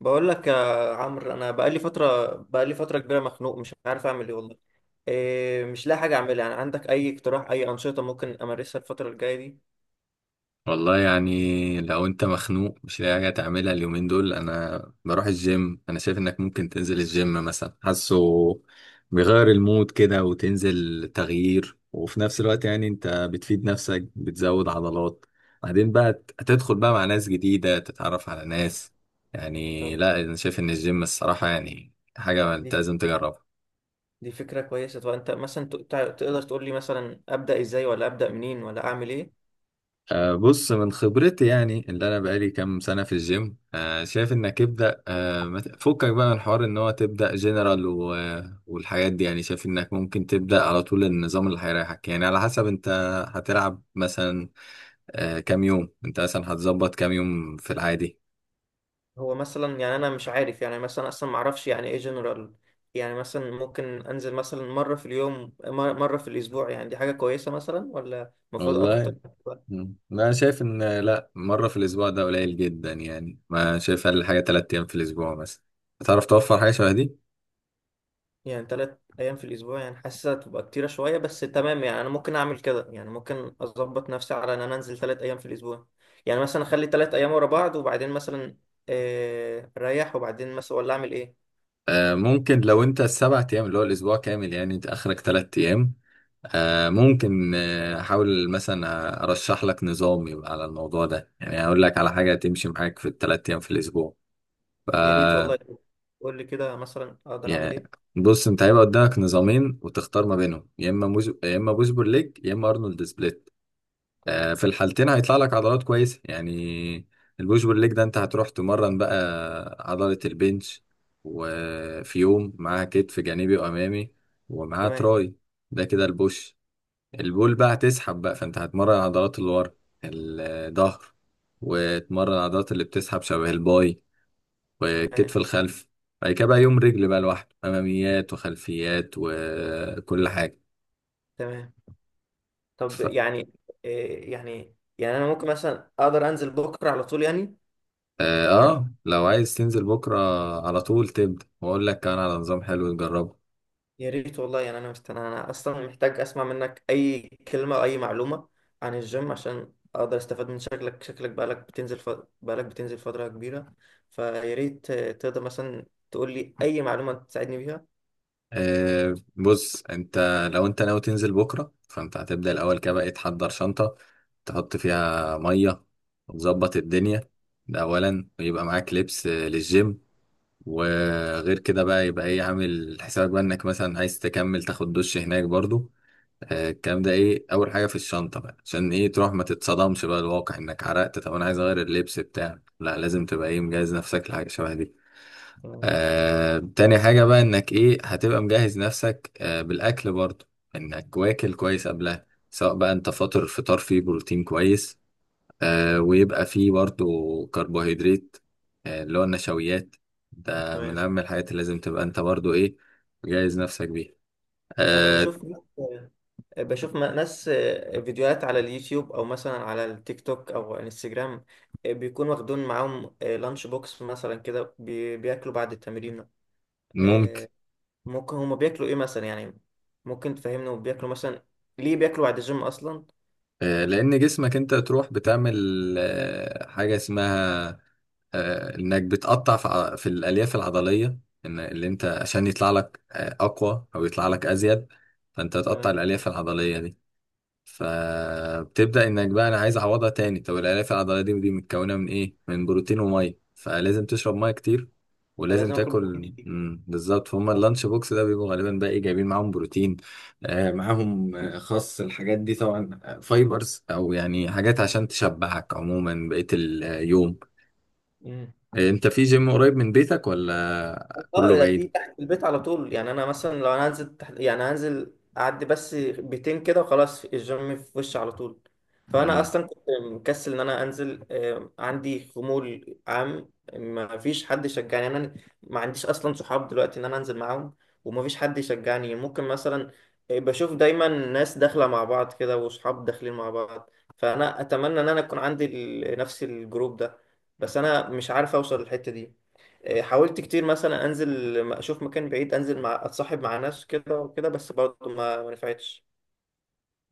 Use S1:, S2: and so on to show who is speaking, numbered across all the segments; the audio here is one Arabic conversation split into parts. S1: بقول لك يا عمرو، انا بقالي فتره كبيره، مخنوق مش عارف اعمل ايه والله. إيه، مش لاقي حاجه اعملها. يعني عندك اي اقتراح؟ اي انشطه ممكن امارسها الفتره الجايه دي؟
S2: والله، يعني لو انت مخنوق مش لاقي حاجه تعملها اليومين دول، انا بروح الجيم. انا شايف انك ممكن تنزل الجيم مثلا، حاسه بيغير المود كده وتنزل تغيير، وفي نفس الوقت يعني انت بتفيد نفسك بتزود عضلات. بعدين بقى هتدخل بقى مع ناس جديده تتعرف على ناس. يعني
S1: طب
S2: لا، انا شايف ان الجيم الصراحه يعني حاجه
S1: دي
S2: انت
S1: فك...
S2: لازم تجربها.
S1: دي فكره كويسه. طب انت مثلا تقدر تقول لي مثلا ابدا ازاي ولا ابدا منين ولا اعمل ايه؟
S2: بص، من خبرتي يعني اللي انا بقالي كام سنه في الجيم، شايف انك ابدا، ما فكك بقى من حوار ان هو تبدا جنرال والحاجات دي، يعني شايف انك ممكن تبدا على طول النظام اللي هيريحك، يعني على حسب انت هتلعب مثلا كام يوم. انت مثلا هتظبط كام يوم في العادي؟
S1: هو مثلا، يعني انا مش عارف، يعني مثلا اصلا ما اعرفش يعني ايه جنرال. يعني مثلا ممكن انزل مثلا مره في اليوم، مره في الاسبوع؟ يعني دي حاجه كويسه مثلا ولا المفروض اكتر؟
S2: والله، انا شايف ان لا، مره في الاسبوع ده قليل جدا، يعني ما شايف اقل حاجه تلات ايام في الاسبوع مثلا هتعرف توفر حاجه شبه دي.
S1: يعني ثلاث ايام في الاسبوع يعني حاسسها تبقى كتيره شويه، بس تمام، يعني انا ممكن اعمل كده. يعني ممكن اظبط نفسي على ان انا انزل ثلاث ايام في الاسبوع. يعني مثلا اخلي ثلاث ايام ورا بعض، وبعدين مثلا اريح، وبعدين مثلا ولا اعمل ايه؟
S2: ممكن لو انت السبع ايام اللي هو الاسبوع كامل، يعني انت اخرك ثلاث ايام. ممكن احاول مثلا ارشح لك نظام يبقى على الموضوع ده، يعني اقول لك على حاجه تمشي معاك في الثلاث ايام في الاسبوع. ف
S1: يا ريت والله. قول لي كده مثلا اقدر اعمل
S2: يعني
S1: ايه.
S2: بص، انت هيبقى قدامك نظامين وتختار ما بينهم، يا اما بوش بول ليج، يا اما ارنولد سبليت.
S1: تمام.
S2: في الحالتين هيطلع لك عضلات كويسة يعني. البوش بول ليج ده انت هتروح تمرن بقى عضلة البنش، وفي يوم معاها كتف جانبي وأمامي، ومعاها
S1: تمام.
S2: تراي. ده كده البوش. البول بقى هتسحب بقى، فانت هتمرن عضلات اللي ورا الظهر، وتمرن عضلات اللي بتسحب شبه الباي والكتف
S1: تمام.
S2: الخلفي. بعد كده بقى يوم رجل بقى لوحده، أماميات وخلفيات وكل حاجة.
S1: تمام. طب يعني آه، يعني يعني انا ممكن مثلا اقدر انزل بكره على طول يعني؟
S2: اه،
S1: يعني
S2: لو عايز تنزل بكرة على طول تبدأ، واقول لك كمان على نظام حلو تجربه.
S1: يا ريت والله. يعني انا انا اصلا محتاج اسمع منك اي كلمه او اي معلومه عن الجيم عشان اقدر استفاد من شكلك. بقالك بتنزل بقالك بتنزل فتره كبيره، فيا ريت تقدر مثلا تقول لي اي معلومه تساعدني بيها.
S2: بص، انت لو انت ناوي تنزل بكرة، فانت هتبدأ الأول كده بقى تحضر شنطة تحط فيها مية وتظبط الدنيا. ده أولا. ويبقى معاك لبس للجيم. وغير كده بقى، يبقى ايه، عامل حسابك بقى انك مثلا عايز تكمل تاخد دش هناك برضو. الكلام ده ايه اول حاجه في الشنطه بقى، عشان ايه؟ تروح ما تتصدمش بقى الواقع انك عرقت، طب انا عايز اغير اللبس بتاعك، لا لازم تبقى ايه، مجهز نفسك لحاجه شبه دي.
S1: تمام.
S2: تاني حاجه بقى، انك ايه، هتبقى مجهز نفسك بالاكل برضه، انك واكل كويس قبلها. سواء بقى انت فاطر فطار فيه بروتين كويس، ويبقى فيه برضه كربوهيدرات، اللي هو النشويات. ده من
S1: تمام.
S2: اهم الحاجات اللي لازم تبقى انت برضه ايه، مجهز نفسك بيها.
S1: انا
S2: آه
S1: بشوف آه، بشوف ناس، فيديوهات على اليوتيوب او مثلا على التيك توك او انستجرام، بيكون واخدون معاهم لانش بوكس مثلا كده، بياكلوا بعد التمرين.
S2: ممكن.
S1: آه، ممكن هما بياكلوا ايه مثلا يعني؟ ممكن تفهمنا بياكلوا مثلا ليه بياكلوا بعد الجيم اصلا؟
S2: لأن جسمك أنت تروح بتعمل حاجة اسمها إنك بتقطع في في الألياف العضلية. إن اللي أنت عشان يطلع لك أقوى أو يطلع لك أزيد، فأنت تقطع
S1: تمام.
S2: الألياف العضلية دي. فبتبدأ انك بقى انا عايز اعوضها تاني. طب الالياف العضليه دي، دي متكونه من ايه؟ من بروتين وميه، فلازم تشرب ميه كتير، ولازم
S1: فلازم اكل
S2: تاكل.
S1: بروتين
S2: بالظبط، فهم اللانش بوكس ده بيبقوا غالبا بقى ايه، جايبين معاهم بروتين. معاهم خس، الحاجات دي طبعا فايبرز، او يعني حاجات عشان تشبعك عموما بقية اليوم.
S1: كتير.
S2: انت في جيم قريب من بيتك ولا كله
S1: اه، ده في
S2: بعيد؟
S1: تحت البيت على طول. يعني انا مثلا لو انا هنزل تحت، يعني هنزل اعدي بس بيتين كده وخلاص الجيم في وشي على طول. فانا
S2: مم.
S1: اصلا كنت مكسل ان انا انزل. عندي خمول عام، ما فيش حد يشجعني. يعني انا ما عنديش اصلا صحاب دلوقتي ان انا انزل معاهم، وما فيش حد يشجعني. ممكن مثلا بشوف دايما ناس داخله مع بعض كده، وصحاب داخلين مع بعض، فانا اتمنى ان انا يكون عندي نفس الجروب ده، بس انا مش عارف اوصل للحته دي. إيه، حاولت كتير مثلا انزل اشوف مكان بعيد، انزل مع اتصاحب مع ناس كده وكده، بس برضه ما نفعتش،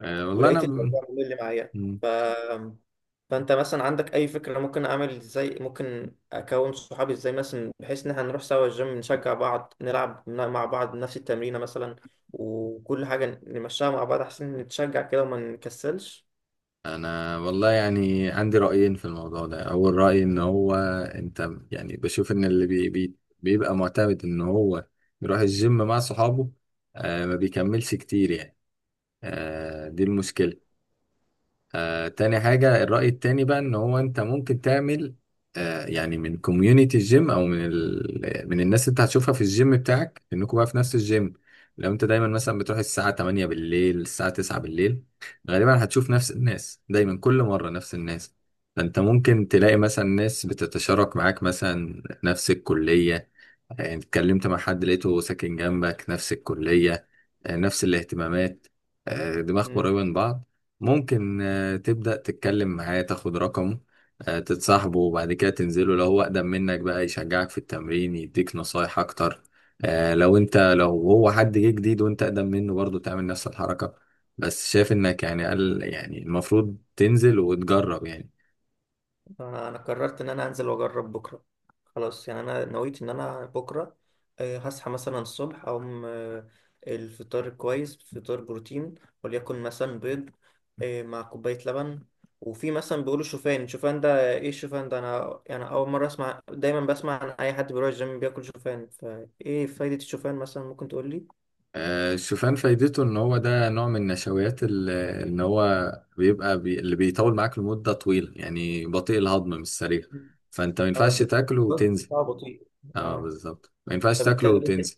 S2: والله
S1: ولقيت
S2: انا،
S1: الموضوع هو اللي معايا. ف فانت مثلا عندك اي فكره ممكن اعمل ازاي، ممكن اكون صحابي ازاي مثلا، بحيث ان احنا نروح سوا الجيم، نشجع بعض، نلعب مع بعض نفس التمرينه مثلا، وكل حاجه نمشيها مع بعض احسن، نتشجع كده وما نكسلش.
S2: والله يعني عندي رأيين في الموضوع ده. اول رأي ان هو انت، يعني بشوف ان اللي بي بي بيبقى معتمد ان هو يروح الجيم مع صحابه ما بيكملش كتير يعني. دي المشكلة. تاني حاجة، الرأي التاني بقى، إن هو أنت ممكن تعمل يعني من كوميونيتي الجيم، أو من من الناس اللي أنت هتشوفها في الجيم بتاعك، إنكم بقى في نفس الجيم. لو أنت دايما مثلا بتروح الساعة 8 بالليل الساعة 9 بالليل، غالبا هتشوف نفس الناس دايما، كل مرة نفس الناس. فأنت ممكن تلاقي مثلا ناس بتتشارك معاك مثلا نفس الكلية. يعني اتكلمت مع حد لقيته ساكن جنبك، نفس الكلية، نفس الاهتمامات، دماغكم
S1: مم.
S2: قريبة من بعض. ممكن تبدأ تتكلم معاه، تاخد رقمه، تتصاحبه، وبعد كده تنزله. لو هو أقدم منك بقى، يشجعك في التمرين يديك نصايح أكتر. لو أنت لو هو حد جه جديد وأنت أقدم منه، برضه تعمل نفس الحركة. بس شايف إنك يعني قال يعني المفروض تنزل وتجرب يعني.
S1: أنا قررت ان انا انزل واجرب بكره. خلاص، يعني انا نويت ان انا بكره هصحى مثلا الصبح، اقوم الفطار كويس، فطار بروتين، وليكن مثلا بيض، مع كوبايه لبن. وفي مثلا بيقولوا شوفان. شوفان ده ايه؟ الشوفان ده انا يعني اول مره اسمع. دايما بسمع عن اي حد بيروح الجيم بياكل شوفان، فايه فايده الشوفان مثلا ممكن تقول لي؟
S2: الشوفان فايدته إن هو ده نوع من النشويات، إن هو بيبقى، اللي بيطول معاك لمدة طويلة، يعني بطيء الهضم مش سريع، فأنت ما
S1: اه،
S2: ينفعش تاكله
S1: البروسيس
S2: وتنزل.
S1: بتاعه بطيء.
S2: اه،
S1: اه،
S2: بالظبط، ما ينفعش تاكله
S1: فبالتالي
S2: وتنزل.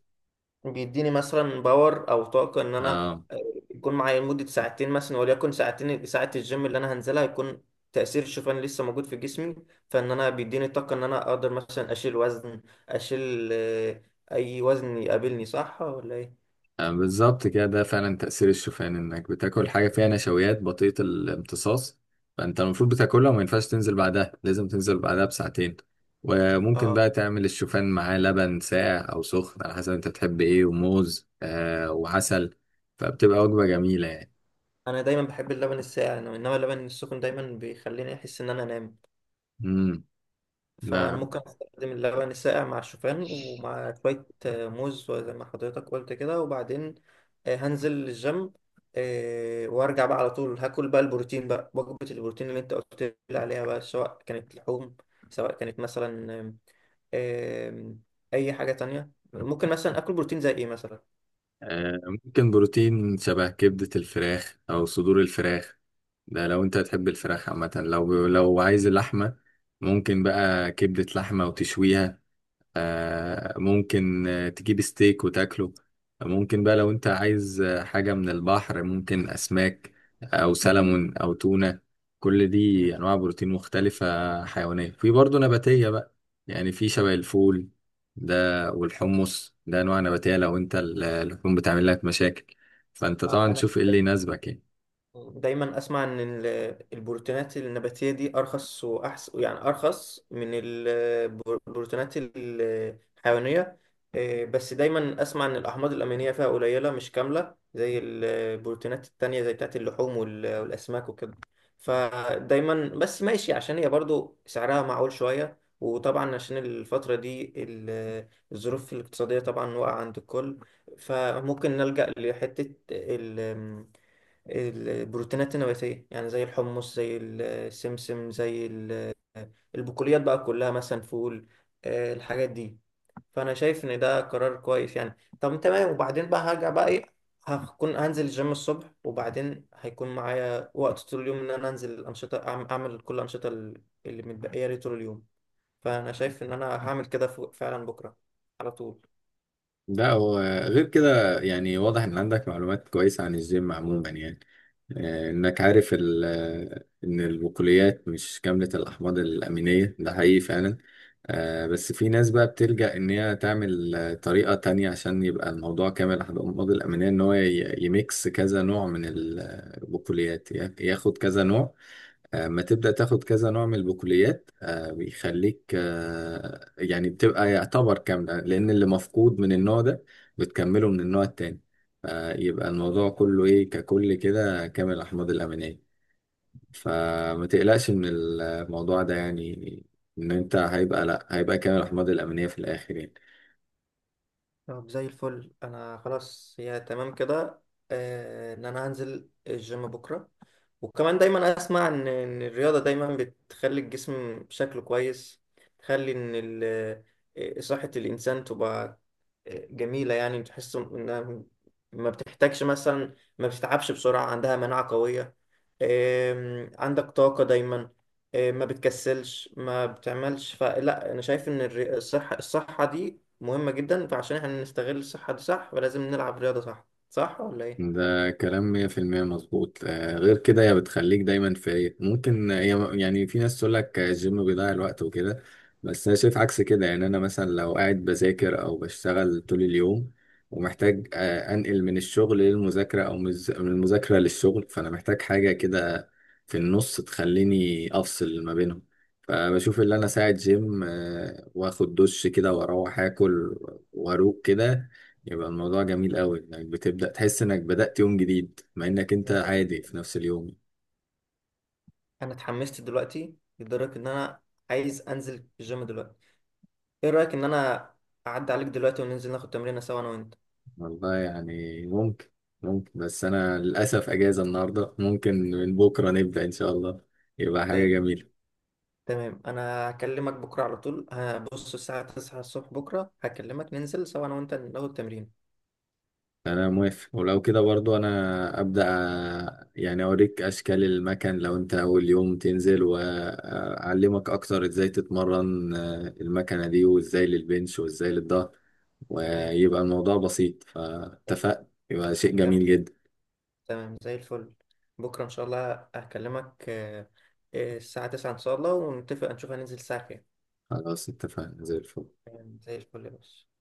S1: بيديني مثلا باور او طاقه ان انا
S2: اه.
S1: يكون معايا لمده ساعتين مثلا، وليكن ساعتين ساعه الجيم اللي انا هنزلها، يكون تاثير الشوفان لسه موجود في جسمي، فان انا بيديني طاقه ان انا اقدر مثلا اشيل وزن، اشيل اي وزن يقابلني. صح ولا ايه؟
S2: بالظبط كده، ده فعلا تأثير الشوفان، انك بتاكل حاجة فيها نشويات بطيئة الامتصاص. فانت المفروض بتاكلها وما ينفعش تنزل بعدها، لازم تنزل بعدها بساعتين. وممكن
S1: اه،
S2: بقى تعمل الشوفان معاه لبن ساقع او سخن، على حسب انت بتحب ايه، وموز وعسل. فبتبقى وجبة جميلة يعني.
S1: انا دايما بحب اللبن الساقع، انما اللبن السخن دايما بيخليني احس ان انا انام. فأنا
S2: امم
S1: ممكن أستخدم اللبن الساقع مع الشوفان، ومع شوية موز زي ما حضرتك قلت كده، وبعدين هنزل الجيم وأرجع بقى على طول، هاكل بقى البروتين بقى، وجبة البروتين اللي أنت قلت لي عليها بقى، سواء كانت لحوم، سواء كانت مثلا آم، آم، أي حاجة تانية. ممكن مثلا آكل بروتين زي إيه مثلا؟
S2: ممكن بروتين شبه كبدة الفراخ أو صدور الفراخ. ده لو أنت تحب الفراخ عامة، لو عايز اللحمة، ممكن بقى كبدة لحمة وتشويها. ممكن تجيب ستيك وتاكله. ممكن بقى لو انت عايز حاجة من البحر، ممكن أسماك أو سلمون أو تونة. كل دي أنواع بروتين مختلفة، حيوانية، في برضه نباتية بقى. يعني في شبه الفول ده والحمص ده، أنواع نباتية. لو انت اللحوم بتعمل لك مشاكل، فانت طبعا
S1: تمام.
S2: تشوف ايه اللي يناسبك يعني.
S1: دايما اسمع ان البروتينات النباتيه دي ارخص واحسن، يعني ارخص من البروتينات الحيوانيه. إيه، بس دايما اسمع ان الاحماض الامينيه فيها قليله، مش كامله زي البروتينات التانية زي بتاعت اللحوم وال- والاسماك وكده. فدايما بس ماشي عشان هي برضو سعرها معقول شويه، وطبعا عشان الفتره دي الظروف الاقتصاديه طبعا واقعه عند الكل، فممكن نلجأ لحته ال البروتينات النباتية، يعني زي الحمص، زي السمسم، زي البقوليات بقى كلها، مثلا فول، الحاجات دي. فأنا شايف إن ده قرار كويس. يعني طب تمام، وبعدين بقى هرجع بقى إيه، هكون هنزل الجيم الصبح، وبعدين هيكون معايا وقت طول اليوم إن أنا أنزل الأنشطة، أعمل كل الأنشطة اللي متبقية لي طول اليوم. فأنا شايف إن أنا هعمل كده فعلا بكرة على طول.
S2: ده هو. غير كده يعني واضح ان عندك معلومات كويسة عن الجيم عموما يعني. انك عارف ان البقوليات مش كاملة الاحماض الامينية، ده حقيقي فعلا. بس في ناس بقى بتلجأ ان هي تعمل طريقة تانية، عشان يبقى الموضوع كامل الاحماض الامينية، ان هو يميكس كذا نوع من البقوليات، ياخد كذا نوع، اما تبدأ تاخد كذا نوع من البقوليات، بيخليك يعني بتبقى يعتبر كاملة، لأن اللي مفقود من النوع ده بتكمله من النوع التاني. فيبقى الموضوع كله إيه، ككل كده، كامل الأحماض الأمينية. فما تقلقش من الموضوع ده يعني. إن أنت هيبقى، لأ، هيبقى كامل الأحماض الأمينية في الآخر يعني.
S1: طب زي الفل. أنا خلاص، هي تمام كده، إن أنا هنزل الجيم بكرة. وكمان دايما اسمع ان الرياضه دايما بتخلي الجسم شكله كويس، تخلي ان آه، صحه الانسان تبقى جميله، يعني تحس انها ما بتحتاجش مثلا، ما بتتعبش بسرعه، عندها مناعه قويه، عندك طاقه دايما، ما بتكسلش ما بتعملش. فلا، انا شايف ان الصحه دي مهمه جدا، فعشان احنا نستغل الصحه دي صح، فلازم نلعب رياضه صح. صح ولا
S2: ده كلام 100% مظبوط. غير كده هي بتخليك دايما فايق. ممكن هي يعني في ناس تقول لك الجيم بيضيع الوقت وكده، بس أنا شايف عكس كده. يعني أنا مثلا لو قاعد بذاكر أو بشتغل طول اليوم، ومحتاج أنقل من الشغل للمذاكرة، أو من من المذاكرة للشغل، فأنا محتاج حاجة كده في النص تخليني أفصل ما بينهم. فبشوف اللي أنا ساعة جيم وآخد دش كده وأروح آكل وأروق كده، يبقى الموضوع جميل قوي. انك بتبدأ تحس انك بدأت يوم جديد، مع انك انت
S1: ايه؟
S2: عادي في نفس اليوم.
S1: انا اتحمست دلوقتي لدرجه ان انا عايز انزل الجيم دلوقتي. ايه رايك ان انا اعدي عليك دلوقتي وننزل ناخد تمرينه سوا انا وانت؟
S2: والله يعني ممكن، ممكن بس انا للأسف اجازة النهاردة. ممكن من بكرة نبدأ ان شاء الله، يبقى حاجة
S1: طيب.
S2: جميلة.
S1: تمام. انا هكلمك بكره على طول، هبص الساعه 9 الصبح، بكره هكلمك ننزل سوا انا وانت ناخد تمرين.
S2: انا موافق. ولو كده برضو انا أبدأ، يعني اوريك اشكال المكان لو انت اول يوم تنزل، واعلمك اكتر ازاي تتمرن المكنة دي، وازاي للبنش، وازاي للظهر.
S1: تمام.
S2: ويبقى الموضوع بسيط. فاتفقنا، يبقى شيء
S1: تمام.
S2: جميل جدا.
S1: تمام، زي الفل. بكره ان شاء الله هكلمك الساعه 9 ان شاء الله، ونتفق نشوف هننزل الساعه كام.
S2: خلاص اتفقنا، زي الفل.
S1: زي الفل يا باشا.